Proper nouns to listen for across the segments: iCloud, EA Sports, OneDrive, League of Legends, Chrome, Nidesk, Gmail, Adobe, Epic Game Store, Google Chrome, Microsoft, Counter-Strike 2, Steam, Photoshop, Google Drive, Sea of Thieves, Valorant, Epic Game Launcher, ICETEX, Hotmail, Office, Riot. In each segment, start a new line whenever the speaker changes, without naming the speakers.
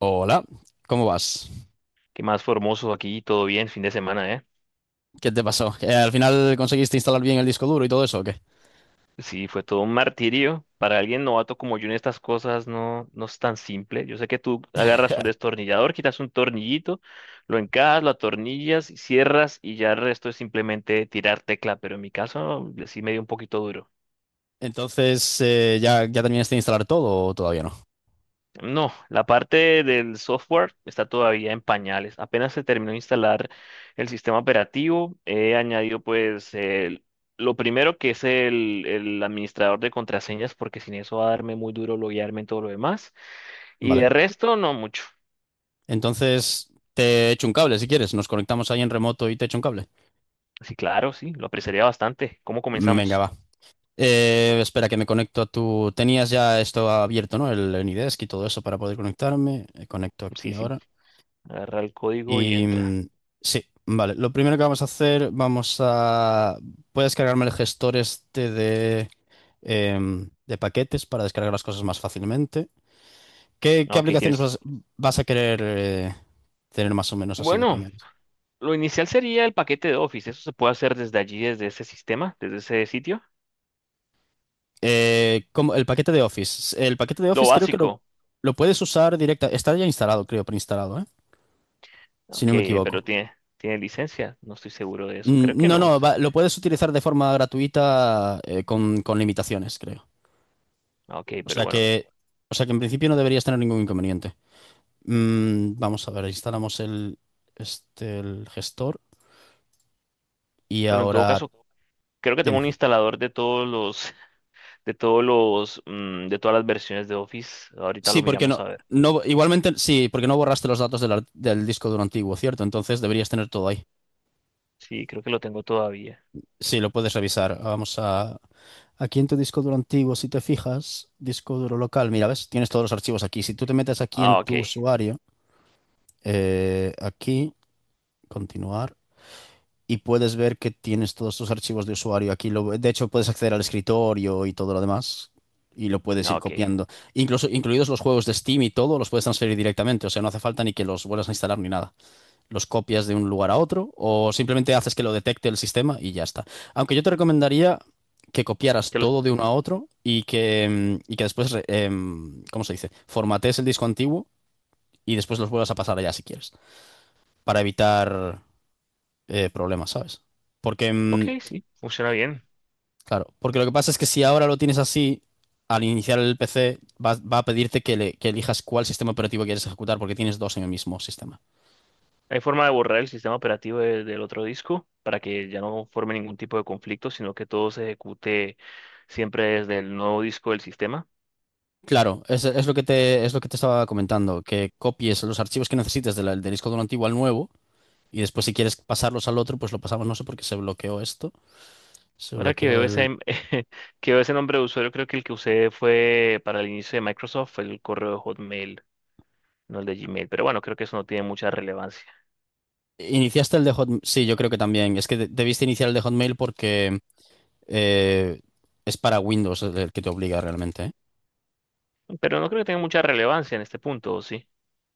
Hola, ¿cómo vas?
¿Qué más formoso aquí? Todo bien, fin de semana, ¿eh?
¿Qué te pasó? ¿Al final conseguiste instalar bien el disco duro y todo eso o qué?
Sí, fue todo un martirio. Para alguien novato como yo en estas cosas no es tan simple. Yo sé que tú agarras un destornillador, quitas un tornillito, lo encajas, lo atornillas, cierras y ya el resto es simplemente tirar tecla, pero en mi caso sí me dio un poquito duro.
Entonces, ¿ya terminaste de instalar todo o todavía no?
No, la parte del software está todavía en pañales. Apenas se terminó de instalar el sistema operativo, he añadido pues lo primero que es el administrador de contraseñas, porque sin eso va a darme muy duro loguearme en todo lo demás. Y
Vale.
el resto no mucho.
Entonces, te echo un cable si quieres. Nos conectamos ahí en remoto y te echo un cable.
Sí, claro, sí, lo apreciaría bastante. ¿Cómo
Venga,
comenzamos?
va. Espera que me conecto a tu... Tenías ya esto abierto, ¿no? El Nidesk y todo eso para poder conectarme. Conecto aquí
Sí, sí,
ahora.
agarra el código y
Y
entra.
mm, sí, vale. Lo primero que vamos a hacer, vamos a... Puedes cargarme el gestor este de paquetes para descargar las cosas más fácilmente. ¿Qué,
Ah,
qué
ok,
aplicaciones
tienes.
vas a querer tener más o menos así de
Bueno,
primeras?
lo inicial sería el paquete de Office. Eso se puede hacer desde allí, desde ese sistema, desde ese sitio.
Como el paquete de Office. El paquete de
Lo
Office creo que lo,
básico.
lo puedes usar directa. Está ya instalado, creo, preinstalado, ¿eh? Si
Ok,
no me
pero
equivoco.
tiene, tiene licencia. No estoy seguro de eso. Creo que
No,
no.
no, lo puedes utilizar de forma gratuita con limitaciones, creo.
Ah, ok,
O
pero
sea
bueno.
que, o sea que en principio no deberías tener ningún inconveniente. Vamos a ver, instalamos el, este, el gestor y
Bueno, en todo
ahora
caso, creo que tengo
dime.
un instalador de todos los, de todos los, de todas las versiones de Office. Ahorita
Sí,
lo
porque
miramos
no,
a ver.
no, igualmente sí, porque no borraste los datos del, del disco duro antiguo, ¿cierto? Entonces deberías tener todo ahí.
Sí, creo que lo tengo todavía.
Sí, lo puedes revisar. Vamos a, aquí en tu disco duro antiguo, si te fijas, disco duro local, mira, ves, tienes todos los archivos aquí. Si tú te metes aquí en
Ah, ok.
tu usuario. Eh, aquí, continuar, y puedes ver que tienes todos tus archivos de usuario aquí. Lo, de hecho, puedes acceder al escritorio y todo lo demás, y lo puedes
Ah,
ir
ok.
copiando. Incluso, incluidos los juegos de Steam y todo, los puedes transferir directamente, o sea, no hace falta ni que los vuelvas a instalar ni nada. Los copias de un lugar a otro, o simplemente haces que lo detecte el sistema y ya está. Aunque yo te recomendaría que copiaras
Que los,
todo de uno a otro y que, y que después, ¿cómo se dice? Formatees el disco antiguo y después los vuelvas a pasar allá si quieres, para evitar problema, ¿sabes? Porque,
ok,
mm,
sí, funciona bien.
claro, porque lo que pasa es que si ahora lo tienes así, al iniciar el PC, va, va a pedirte que elijas cuál sistema operativo quieres ejecutar porque tienes dos en el mismo sistema.
Hay forma de borrar el sistema operativo del otro disco para que ya no forme ningún tipo de conflicto, sino que todo se ejecute siempre desde el nuevo disco del sistema.
Claro, es lo que te, es lo que te estaba comentando, que copies los archivos que necesites de del disco duro antiguo al nuevo y después si quieres pasarlos al otro, pues lo pasamos, no sé por qué se bloqueó esto, se
Ahora que
bloqueó
veo ese,
el...
que veo ese nombre de usuario, creo que el que usé fue para el inicio de Microsoft, el correo de Hotmail, no el de Gmail. Pero bueno, creo que eso no tiene mucha relevancia.
¿Iniciaste el de Hotmail? Sí, yo creo que también. Es que debiste iniciar el de Hotmail porque eh, es para Windows el que te obliga realmente, ¿eh?
Pero no creo que tenga mucha relevancia en este punto, ¿o sí?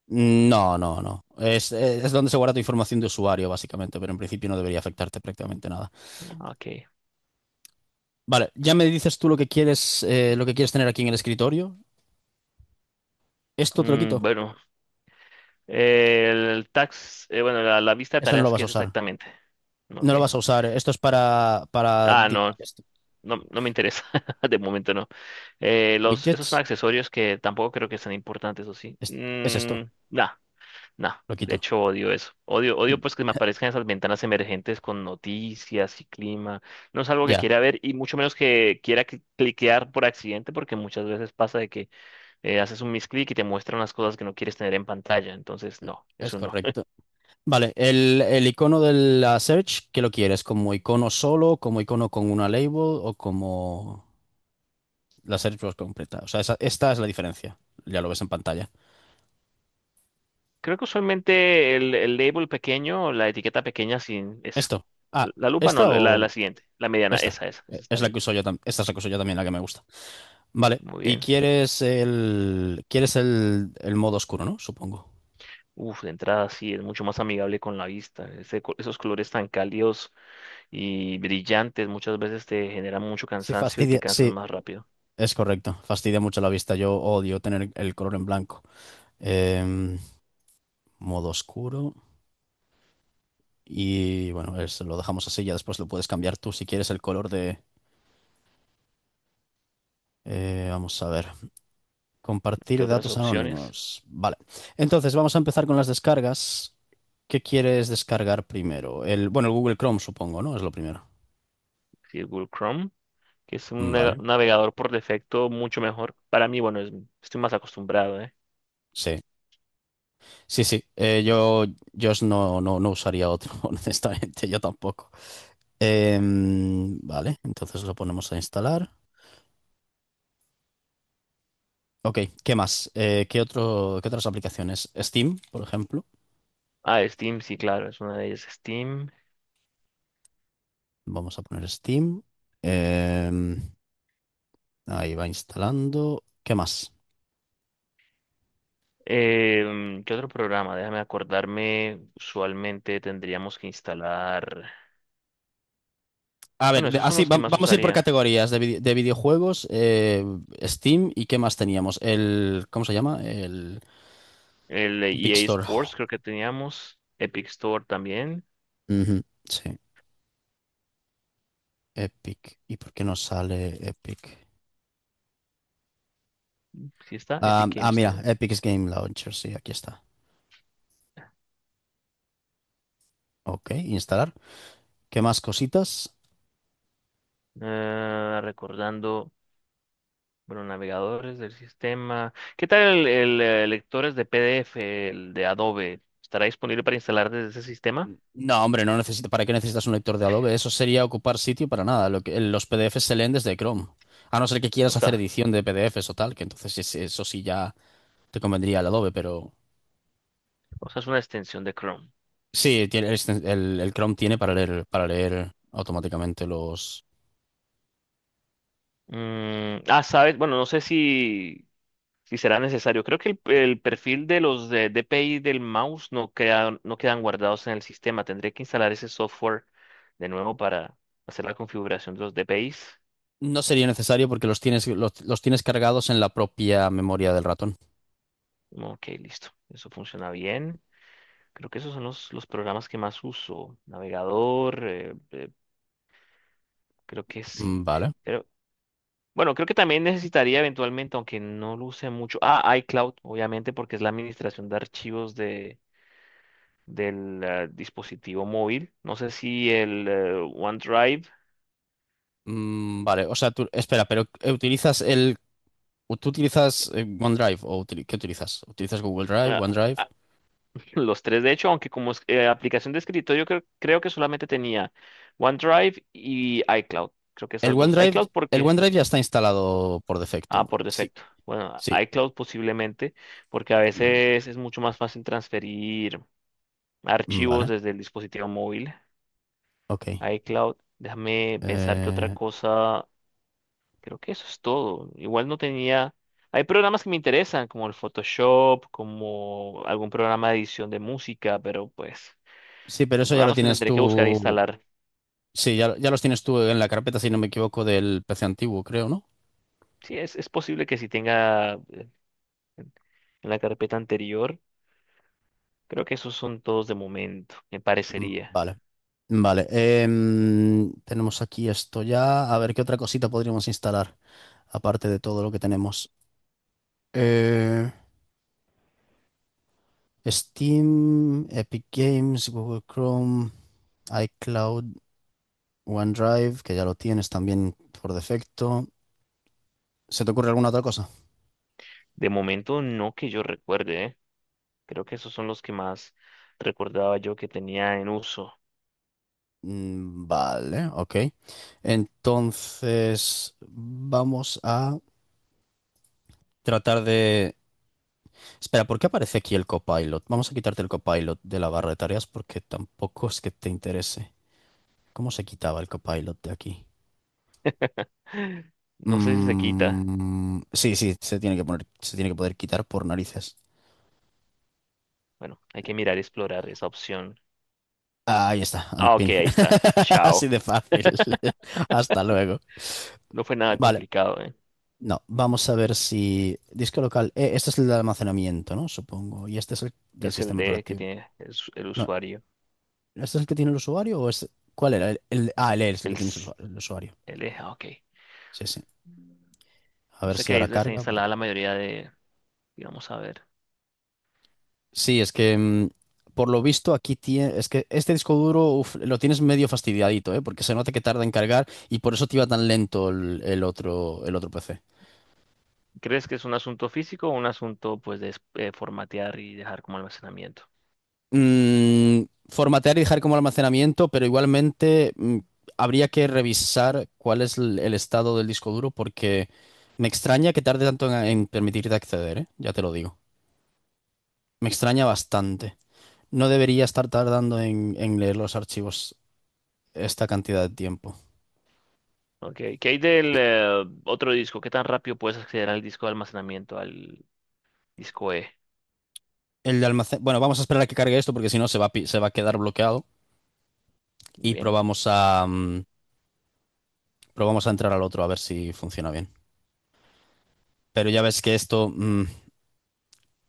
No, no, no. Es donde se guarda tu información de usuario, básicamente, pero en principio no debería afectarte prácticamente nada.
Ok.
Vale, ya me dices tú lo que quieres tener aquí en el escritorio. Esto te lo
Mm,
quito.
bueno, el tax, bueno, la vista de
Eso no lo
tareas,
vas
¿qué
a
es
usar.
exactamente?
No
Ok.
lo vas a usar. Esto es para, para
Ah,
di- esto.
no me interesa. De momento no. Esos son
Widgets.
accesorios que tampoco creo que sean importantes, ¿o sí?
Es esto.
Nah. No,
Lo
de
quito.
hecho odio eso. Odio, odio pues que me aparezcan esas ventanas emergentes con noticias y clima. No es algo que
Ya,
quiera ver y mucho menos que quiera cliquear por accidente porque muchas veces pasa de que haces un misclick y te muestran las cosas que no quieres tener en pantalla. Entonces, no,
es
eso no.
correcto. Vale, el icono de la search, ¿qué lo quieres? ¿Como icono solo, como icono con una label o como la search box completa? O sea, esta es la diferencia. Ya lo ves en pantalla.
Creo que usualmente el label pequeño, la etiqueta pequeña sin esa.
Esto. Ah,
La lupa no,
¿esta
la,
o
la siguiente, la mediana,
esta?
esa está
Es la que
bien.
uso yo también. Esta es la que uso yo también, la que me gusta. Vale.
Muy
Y
bien.
quieres el. Quieres el modo oscuro, ¿no? Supongo.
Uf, de entrada sí, es mucho más amigable con la vista. Ese esos colores tan cálidos y brillantes, muchas veces te generan mucho
Sí,
cansancio y te
fastidia.
cansas
Sí,
más rápido
es correcto. Fastidia mucho la vista. Yo odio tener el color en blanco. Em, modo oscuro. Y bueno, lo dejamos así. Ya después lo puedes cambiar tú si quieres el color de. Vamos a ver.
qué
Compartir
otras
datos
opciones.
anónimos. Vale. Entonces, vamos a empezar con las descargas. ¿Qué quieres descargar primero? El, bueno, el Google Chrome, supongo, ¿no? Es lo primero.
Si Google Chrome, que es un
Vale.
navegador por defecto mucho mejor. Para mí, bueno, estoy más acostumbrado, ¿eh?
Sí. Sí, sí. No, no, no usaría otro, honestamente. Yo tampoco. Vale. Entonces lo ponemos a instalar. Ok. ¿Qué más? ¿ qué otras aplicaciones? Steam, por ejemplo.
Ah, Steam, sí, claro, es una de ellas, Steam.
Vamos a poner Steam. Em, ahí va instalando. ¿Qué más?
¿Qué otro programa? Déjame acordarme. Usualmente tendríamos que instalar.
A
Bueno,
ver,
esos son los que más
vamos a ir por
usaría.
categorías de, de videojuegos, Steam y qué más teníamos. El, ¿cómo se llama? El
El de
Epic
EA
Store.
Sports creo que teníamos. Epic Store también.
Ujú, sí, Epic. ¿Y por qué no sale Epic?
Sí está,
Ah,
Epic Game
ah, mira,
Store.
Epic Game Launcher, sí, aquí está. Ok, instalar. ¿Qué más cositas?
Ah, recordando. Bueno, navegadores del sistema. ¿Qué tal lectores de PDF, el de Adobe? ¿Estará disponible para instalar desde ese sistema?
No, hombre, no necesito. ¿Para qué necesitas un lector de Adobe? Eso sería ocupar sitio para nada. Lo que, los PDFs se leen desde Chrome. A no ser que
O
quieras hacer
sea,
edición de PDFs o tal, que entonces eso sí ya te convendría el Adobe, pero
o sea, es una extensión de Chrome.
sí, el Chrome tiene para leer automáticamente los...
Sabes, bueno, no sé si, si será necesario. Creo que el perfil de los de DPI del mouse no quedan guardados en el sistema. Tendré que instalar ese software de nuevo para hacer la configuración de los DPIs.
No sería necesario porque los tienes cargados en la propia memoria del ratón.
Ok, listo. Eso funciona bien. Creo que esos son los programas que más uso. Navegador, creo que sí.
Vale.
Pero, bueno, creo que también necesitaría eventualmente, aunque no lo use mucho. Ah, iCloud, obviamente, porque es la administración de archivos de, del dispositivo móvil. No sé si el OneDrive,
Vale, o sea, tú, espera, pero ¿utilizas el... o ¿Tú utilizas OneDrive o qué utilizas? ¿Utilizas Google Drive,
ah,
OneDrive?
ah, los tres de hecho, aunque aplicación de escritorio, creo, creo que solamente tenía OneDrive y iCloud. Creo que
El
esas dos.
OneDrive,
iCloud, ¿por
el
qué?
OneDrive ya está instalado por defecto.
Ah, por
Sí,
defecto. Bueno,
sí.
iCloud posiblemente, porque a
Mm,
veces es mucho más fácil transferir archivos
Vale,
desde el dispositivo móvil.
ok.
iCloud, déjame pensar que otra
Eh,
cosa, creo que eso es todo. Igual no tenía... Hay programas que me interesan, como el Photoshop, como algún programa de edición de música, pero pues
sí, pero
son
eso ya lo
programas que
tienes
tendré que buscar e
tú.
instalar.
Sí, ya, ya los tienes tú en la carpeta, si no me equivoco, del PC antiguo, creo, ¿no?
Sí, es posible que si tenga en en la carpeta anterior, creo que esos son todos de momento, me parecería.
Vale, vale. Tenemos aquí esto ya. A ver, ¿qué otra cosita podríamos instalar? Aparte de todo lo que tenemos. Eh, Steam, Epic Games, Google Chrome, iCloud, OneDrive, que ya lo tienes también por defecto. ¿Se te ocurre alguna otra cosa?
De momento no que yo recuerde, ¿eh? Creo que esos son los que más recordaba yo que tenía en uso.
Vale, ok. Entonces, vamos a tratar de Espera, ¿por qué aparece aquí el copilot? Vamos a quitarte el copilot de la barra de tareas porque tampoco es que te interese. ¿Cómo se quitaba el copilot de aquí?
No sé si se quita.
Sí, sí, se tiene que poner, se tiene que poder quitar por narices.
Bueno, hay que mirar y explorar esa opción.
Ah, ahí está,
Ah, ok,
unpin.
ahí está. Chao.
Así de fácil. Hasta luego.
No fue nada
Vale,
complicado, ¿eh?
no, vamos a ver si. Disco local. Este es el de almacenamiento, ¿no? Supongo. Y este es el del
Es el
sistema
de que
operativo.
tiene el
No,
usuario.
¿este es el que tiene el usuario o es. ¿Cuál era? El E es el
El,
que tiene el
s-
el usuario.
el eje, ah, ok.
Sí, sí. A
O
ver
sea
si
que ahí
ahora
es donde está
carga,
instalada
porque...
la mayoría de, digamos, a ver.
Sí, es que por lo visto aquí tiene... Es que este disco duro uf, lo tienes medio fastidiadito, ¿eh? Porque se nota que tarda en cargar y por eso te iba tan lento el otro PC.
¿Crees que es un asunto físico o un asunto, pues, de formatear y dejar como almacenamiento?
Mm, formatear y dejar como almacenamiento, pero igualmente habría que revisar cuál es el estado del disco duro porque me extraña que tarde tanto en permitirte acceder, ¿eh? Ya te lo digo. Me extraña bastante. No debería estar tardando en leer los archivos esta cantidad de tiempo.
Ok, ¿qué hay del otro disco? ¿Qué tan rápido puedes acceder al disco de almacenamiento, al disco E?
El de almacén. Bueno, vamos a esperar a que cargue esto porque si no se va, se va a quedar bloqueado y
Bien,
probamos a, probamos a entrar al otro a ver si funciona bien. Pero ya ves que esto,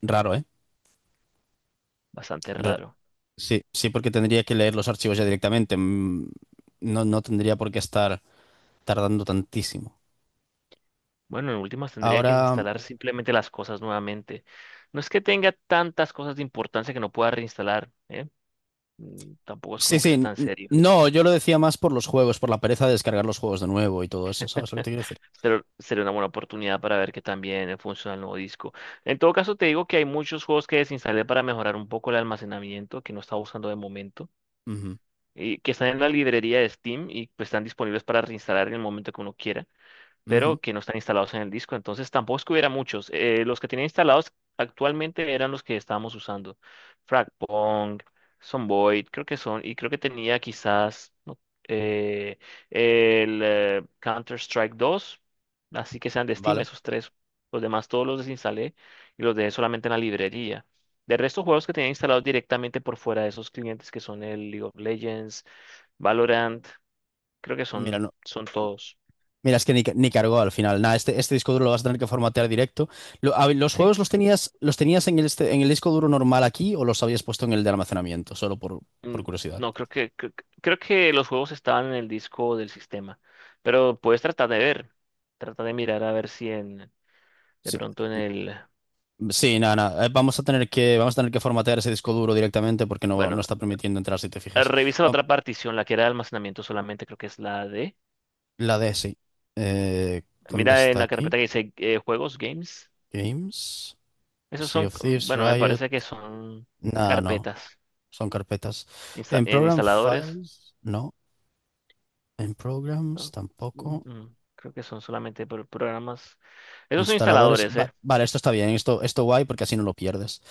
raro, ¿eh?
bastante
Ra-
raro.
sí, sí, porque tendría que leer los archivos ya directamente. No, no tendría por qué estar tardando tantísimo.
Bueno, en últimas tendría que
Ahora,
instalar simplemente las cosas nuevamente. No es que tenga tantas cosas de importancia que no pueda reinstalar, ¿eh? Tampoco es
sí,
como que
sí,
sea tan serio.
no, yo lo decía más por los juegos, por la pereza de descargar los juegos de nuevo y todo eso, ¿sabes lo que te quiero decir?
Pero sería una buena oportunidad para ver que también funciona el nuevo disco. En todo caso, te digo que hay muchos juegos que desinstalé para mejorar un poco el almacenamiento, que no estaba usando de momento,
Ujú,
y que están en la librería de Steam y pues están disponibles para reinstalar en el momento que uno quiera,
ujú,
pero que no están instalados en el disco. Entonces tampoco es que hubiera muchos. Los que tenía instalados actualmente eran los que estábamos usando. Fragpong, Sonboy, creo que son, y creo que tenía quizás no, eh, el Counter-Strike 2, así que sean de Steam
vale.
esos tres. Los demás todos los desinstalé y los dejé solamente en la librería. De resto, juegos que tenía instalados directamente por fuera de esos clientes que son el League of Legends, Valorant, creo que son,
Mira,
son todos.
mira, es que ni, ni cargó al final. Nada, este disco duro lo vas a tener que formatear directo. A ver, ¿los
Sí.
juegos los tenías en el, en el disco duro normal aquí o los habías puesto en el de almacenamiento? Solo por
Mm,
curiosidad.
No, creo que los juegos estaban en el disco del sistema, pero puedes tratar de ver, trata de mirar a ver si en, de
Sí,
pronto en el,
sí, nada, nada. Vamos a tener que, vamos a tener que formatear ese disco duro directamente porque no, no
bueno,
está permitiendo entrar si te fijas.
revisa la
Va-
otra partición, la que era de almacenamiento solamente, creo que es la D.
La D, sí. Eh, ¿Dónde
Mira en
está
la
aquí?
carpeta que dice juegos, games.
Games.
Esos
Sea
son,
of Thieves,
bueno, me
Riot.
parece que son
Nada, no.
carpetas
Son carpetas. En
en
Program
instaladores,
Files, no. En Programs,
¿no?
tampoco.
Creo que son solamente programas. Esos son
Instaladores.
instaladores, ¿eh?
Vale, esto está bien, esto guay porque así no lo pierdes.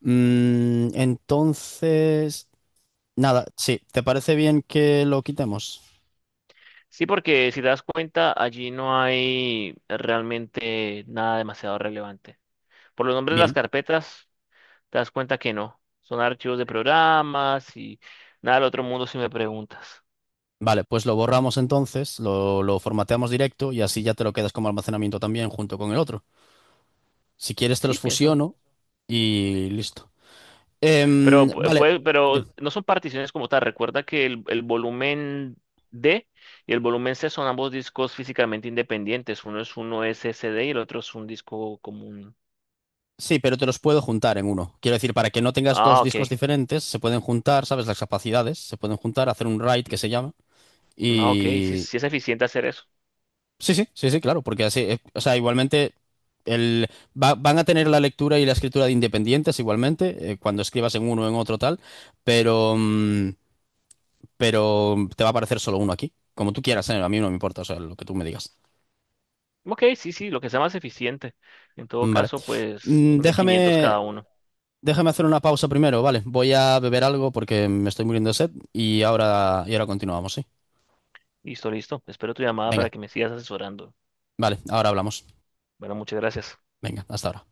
Entonces, nada, sí, ¿te parece bien que lo quitemos?
Sí, porque si te das cuenta, allí no hay realmente nada demasiado relevante. Por los nombres de las
Bien,
carpetas, te das cuenta que no. Son archivos de programas y nada del otro mundo si me preguntas.
vale, pues lo borramos entonces, lo formateamos directo y así ya te lo quedas como almacenamiento también junto con el otro. Si quieres te los
Sí, pienso.
fusiono y listo.
Pero,
Vale, de-
pero no son particiones como tal. Recuerda que el volumen D y el volumen C son ambos discos físicamente independientes. Uno un SSD y el otro es un disco común.
sí, pero te los puedo juntar en uno. Quiero decir, para que no tengas dos
Ah, ok.
discos diferentes, se pueden juntar, ¿sabes? Las capacidades, se pueden juntar, hacer un write que se llama.
Ah, ok. Sí,
Y
sí es eficiente hacer eso.
sí, sí, sí, sí, claro, porque así, o sea, igualmente el, van a tener la lectura y la escritura de independientes igualmente, cuando escribas en uno o en otro tal, pero, mm, pero te va a aparecer solo uno aquí, como tú quieras, a mí no me importa, o sea, lo que tú me digas.
Ok, sí, sí, lo que sea más eficiente. En todo
Vale.
caso, pues son de 500
Déjame,
cada uno.
déjame hacer una pausa primero, ¿vale? Voy a beber algo porque me estoy muriendo de sed y ahora continuamos, ¿sí?
Listo, listo. Espero tu llamada para
Venga,
que me sigas asesorando.
vale, ahora hablamos.
Bueno, muchas gracias.
Venga, hasta ahora.